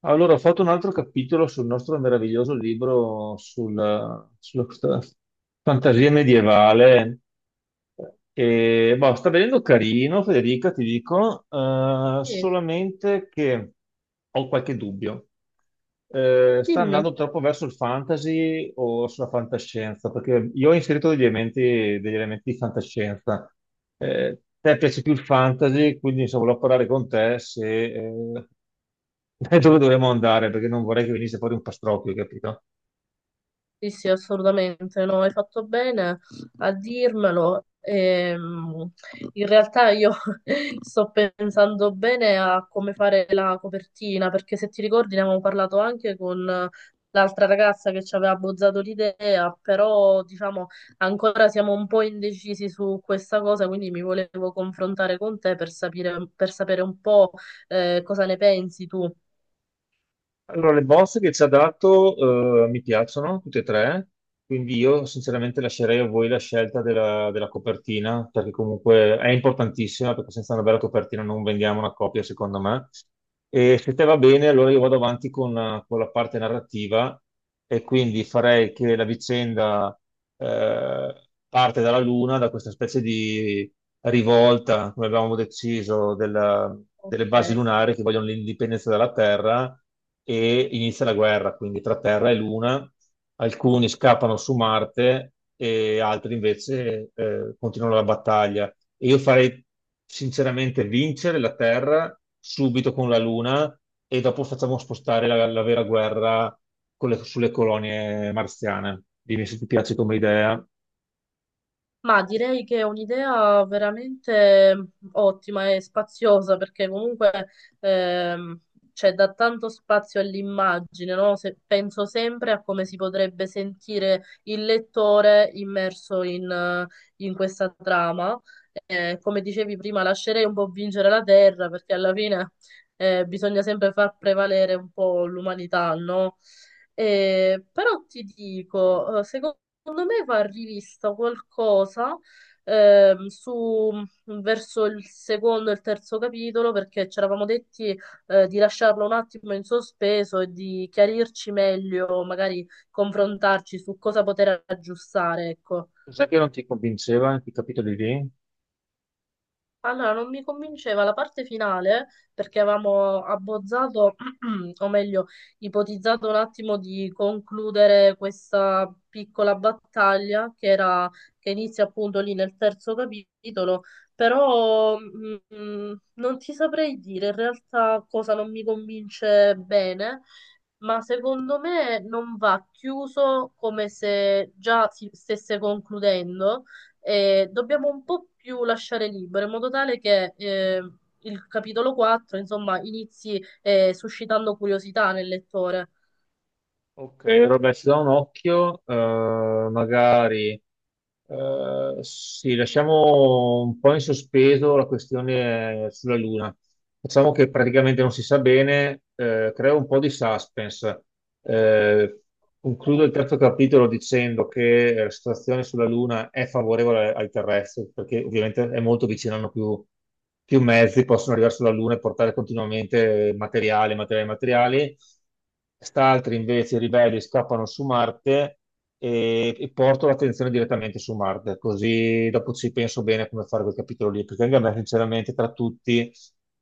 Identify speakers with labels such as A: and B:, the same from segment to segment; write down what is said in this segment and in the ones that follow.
A: Allora, ho fatto un altro capitolo sul nostro meraviglioso libro sulla questa fantasia medievale. E, boh, sta venendo carino, Federica, ti dico,
B: Sì,
A: solamente che ho qualche dubbio. Sta
B: dimmi,
A: andando troppo verso il fantasy o sulla fantascienza, perché io ho inserito degli elementi di fantascienza. Te piace più il fantasy, quindi insomma, volevo parlare con te se, dove dovremmo andare, perché non vorrei che venisse fuori un pastrocchio, capito?
B: sì, sì, assolutamente, no, hai fatto bene a dirmelo. In realtà io sto pensando bene a come fare la copertina, perché se ti ricordi ne avevamo parlato anche con l'altra ragazza che ci aveva bozzato l'idea, però diciamo ancora siamo un po' indecisi su questa cosa, quindi mi volevo confrontare con te per sapere un po' cosa ne pensi tu.
A: Allora, le bozze che ci ha dato, mi piacciono tutte e tre, quindi io sinceramente lascerei a voi la scelta della copertina, perché comunque è importantissima, perché senza una bella copertina non vendiamo una copia, secondo me. E se te va bene, allora io vado avanti con la parte narrativa, e quindi farei che la vicenda, eh, parte dalla Luna, da questa specie di rivolta, come avevamo deciso, delle
B: Ok.
A: basi lunari che vogliono l'indipendenza dalla Terra, e inizia la guerra, quindi tra Terra e Luna. Alcuni scappano su Marte e altri invece continuano la battaglia. E io farei sinceramente vincere la Terra subito con la Luna, e dopo facciamo spostare la vera guerra sulle colonie marziane. Dimmi se ti piace come idea.
B: Ma direi che è un'idea veramente ottima e spaziosa perché comunque ehm, c'è da tanto spazio all'immagine, no? Penso sempre a come si potrebbe sentire il lettore immerso in, in questa trama. Come dicevi prima, lascerei un po' vincere la terra perché alla fine bisogna sempre far prevalere un po' l'umanità, no? Però ti dico, Secondo me va rivista qualcosa su verso il secondo e il terzo capitolo perché ci eravamo detti di lasciarlo un attimo in sospeso e di chiarirci meglio, magari confrontarci su cosa poter aggiustare, ecco.
A: Cos'è che non ti convinceva in quei capitoli lì?
B: Allora, non mi convinceva la parte finale perché avevamo abbozzato, o meglio, ipotizzato un attimo di concludere questa piccola battaglia che inizia appunto lì nel terzo capitolo, però non ti saprei dire in realtà cosa non mi convince bene, ma secondo me non va chiuso come se già si stesse concludendo e dobbiamo un po' più lasciare libero, in modo tale che il capitolo 4, insomma, inizi suscitando curiosità nel lettore.
A: Ok, Roba, ci do un occhio, magari sì, lasciamo un po' in sospeso la questione sulla Luna. Facciamo che praticamente non si sa bene, creo un po' di suspense. Eh, Concludo il
B: Ok.
A: terzo capitolo dicendo che la situazione sulla Luna è favorevole ai terrestri, perché ovviamente è molto vicino, hanno più, più mezzi, possono arrivare sulla Luna e portare continuamente materiali, materiali, materiali. Quest'altri invece, i ribelli, scappano su Marte e porto l'attenzione direttamente su Marte, così dopo ci penso bene come fare quel capitolo lì, perché anche a me, sinceramente, tra tutti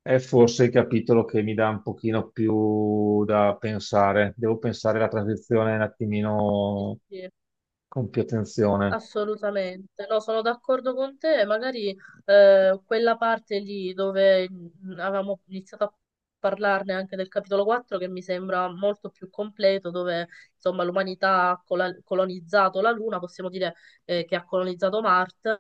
A: è forse il capitolo che mi dà un pochino più da pensare. Devo pensare alla transizione un
B: Sì,
A: attimino
B: sì.
A: con più attenzione.
B: Assolutamente, no, sono d'accordo con te. Magari quella parte lì dove avevamo iniziato a parlarne anche del capitolo 4, che mi sembra molto più completo, dove insomma l'umanità ha colonizzato la Luna, possiamo dire che ha colonizzato Marte.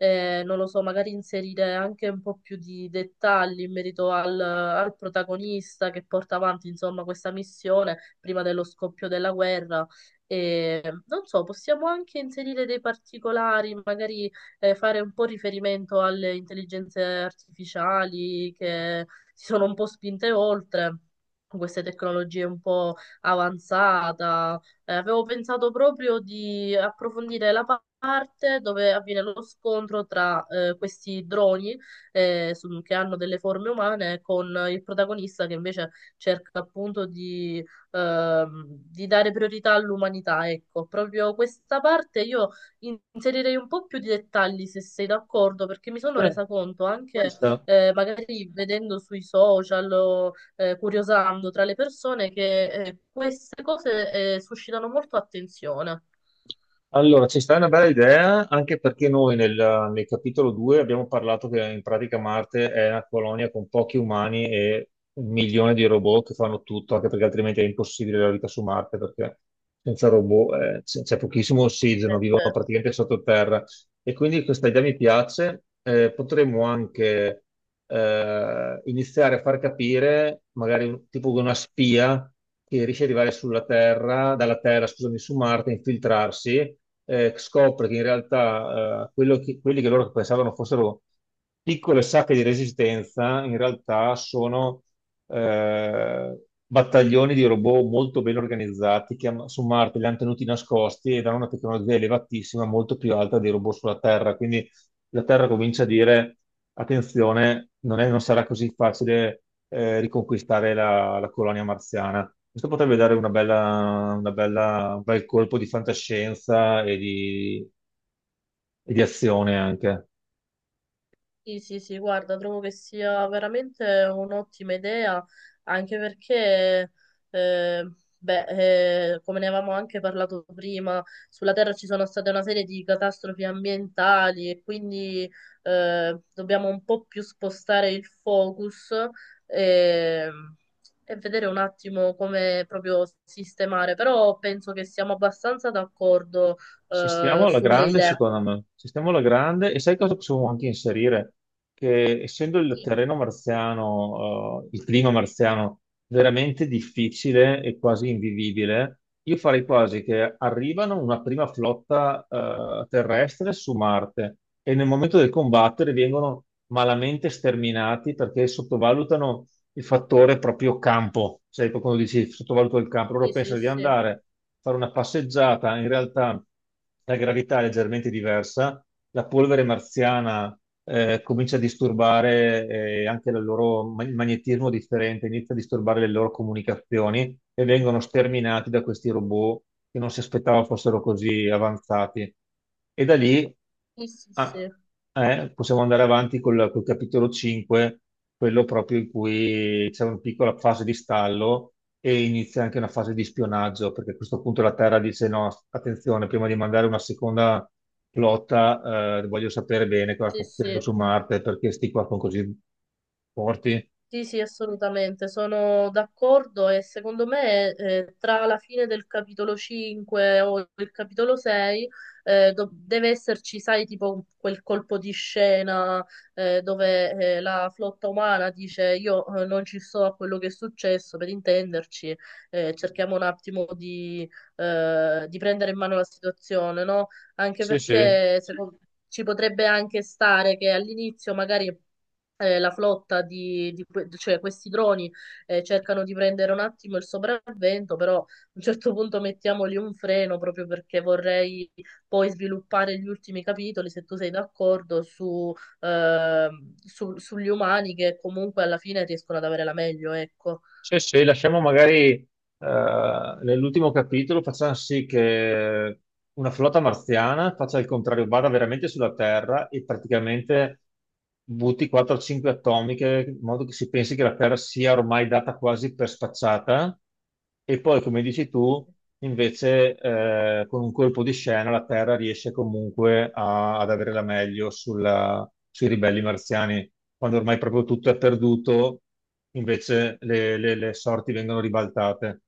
B: Non lo so, magari inserire anche un po' più di dettagli in merito al, al protagonista che porta avanti insomma questa missione prima dello scoppio della guerra. E non so, possiamo anche inserire dei particolari, magari fare un po' riferimento alle intelligenze artificiali che si sono un po' spinte oltre. Con queste tecnologie un po' avanzata. Avevo pensato proprio di approfondire la parte dove avviene lo scontro tra questi droni che hanno delle forme umane con il protagonista che invece cerca appunto di dare priorità all'umanità, ecco, proprio questa parte io inserirei un po' più di dettagli se sei d'accordo, perché mi sono
A: Eh,
B: resa conto
A: ci
B: anche
A: sta.
B: magari vedendo sui social o curiosando tra le persone che queste cose suscitano molto attenzione.
A: Allora, ci sta una bella idea, anche perché noi nel capitolo 2 abbiamo parlato che in pratica Marte è una colonia con pochi umani e un milione di robot che fanno tutto, anche perché altrimenti è impossibile la vita su Marte, perché senza robot c'è pochissimo ossigeno, vivono
B: Certo.
A: praticamente sottoterra. E quindi questa idea mi piace. Potremmo anche iniziare a far capire, magari tipo una spia che riesce ad arrivare sulla Terra, dalla Terra, scusami, su Marte, infiltrarsi, scopre che in realtà quelli che loro pensavano fossero piccole sacche di resistenza, in realtà sono eh, battaglioni di robot molto ben organizzati che su Marte li hanno tenuti nascosti ed hanno una tecnologia elevatissima, molto più alta dei robot sulla Terra. Quindi la Terra comincia a dire: attenzione, non sarà così facile riconquistare la colonia marziana. Questo potrebbe dare un bel colpo di fantascienza e di azione anche.
B: Sì, sì, sì, guarda, trovo che sia veramente un'ottima idea, anche perché, eh, beh, come ne avevamo anche parlato prima, sulla Terra ci sono state una serie di catastrofi ambientali e quindi dobbiamo un po' più spostare il focus e, e vedere un attimo come proprio sistemare, però penso che siamo abbastanza d'accordo
A: Ci stiamo alla
B: sulle
A: grande,
B: idee.
A: secondo me. Ci stiamo alla grande e sai cosa possiamo anche inserire? Che essendo il
B: Sì,
A: terreno marziano, il clima marziano veramente difficile e quasi invivibile, io farei quasi che arrivano una prima flotta, terrestre su Marte, e nel momento del combattere vengono malamente sterminati perché sottovalutano il fattore proprio campo. Sai, quando dici sottovaluto il campo, loro
B: sì, sì,
A: pensano di
B: sì,
A: andare a fare una passeggiata, in realtà la gravità è leggermente diversa, la polvere marziana comincia a disturbare anche il loro il magnetismo differente, inizia a disturbare le loro comunicazioni e vengono sterminati da questi robot che non si aspettava fossero così avanzati. E da lì
B: sì, sì.
A: ah,
B: Sì.
A: possiamo andare avanti col capitolo 5, quello proprio in cui c'è una piccola fase di stallo e inizia anche una fase di spionaggio, perché a questo punto la Terra dice no, attenzione, prima di mandare una seconda flotta, voglio sapere bene cosa
B: Sì,
A: sta succedendo
B: sì,
A: su Marte, perché sti qua sono così forti.
B: sì, sì, assolutamente, sono d'accordo e secondo me tra la fine del capitolo 5 o il capitolo 6 deve esserci, sai, tipo quel colpo di scena dove la flotta umana dice io non ci sto a quello che è successo, per intenderci, cerchiamo un attimo di prendere in mano la situazione, no? Anche
A: Sì, sì,
B: perché secondo- Ci potrebbe anche stare che all'inizio magari la flotta cioè questi droni cercano di prendere un attimo il sopravvento, però a un certo punto mettiamogli un freno proprio perché vorrei poi sviluppare gli ultimi capitoli, se tu sei d'accordo, su, eh, sugli umani che comunque alla fine riescono ad avere la meglio, ecco.
A: sì, sì, lasciamo magari nell'ultimo capitolo, facciamo sì che una flotta marziana faccia il contrario, vada veramente sulla Terra e praticamente butti 4-5 atomiche, in modo che si pensi che la Terra sia ormai data quasi per spacciata. E poi, come dici tu, invece, con un colpo di scena la Terra riesce comunque ad avere la meglio sui ribelli marziani. Quando ormai proprio tutto è perduto, invece le sorti vengono ribaltate.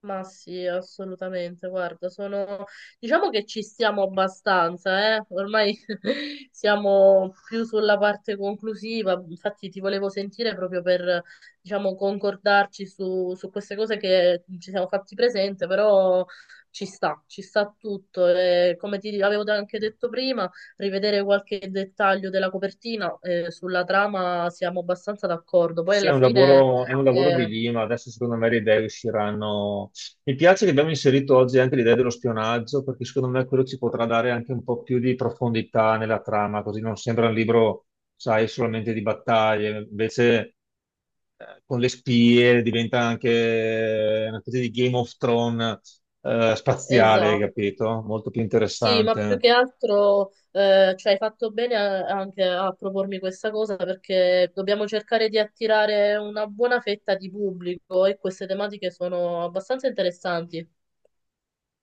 B: Ma sì, assolutamente. Guarda, sono... diciamo che ci stiamo abbastanza, eh? Ormai siamo più sulla parte conclusiva. Infatti, ti volevo sentire proprio per, diciamo, concordarci su, su queste cose che ci siamo fatti presente, però ci sta tutto. E come ti avevo anche detto prima, rivedere qualche dettaglio della copertina, sulla trama siamo abbastanza d'accordo. Poi
A: Sì,
B: alla fine,
A: è un lavoro di
B: eh,
A: lima, adesso secondo me le idee usciranno. Mi piace che abbiamo inserito oggi anche l'idea dello spionaggio, perché secondo me quello ci potrà dare anche un po' più di profondità nella trama, così non sembra un libro, sai, solamente di battaglie, invece con le spie diventa anche una specie di Game of Thrones spaziale,
B: esatto.
A: capito? Molto più
B: Sì, ma più
A: interessante.
B: che altro, cioè, hai fatto bene anche a propormi questa cosa perché dobbiamo cercare di attirare una buona fetta di pubblico e queste tematiche sono abbastanza interessanti.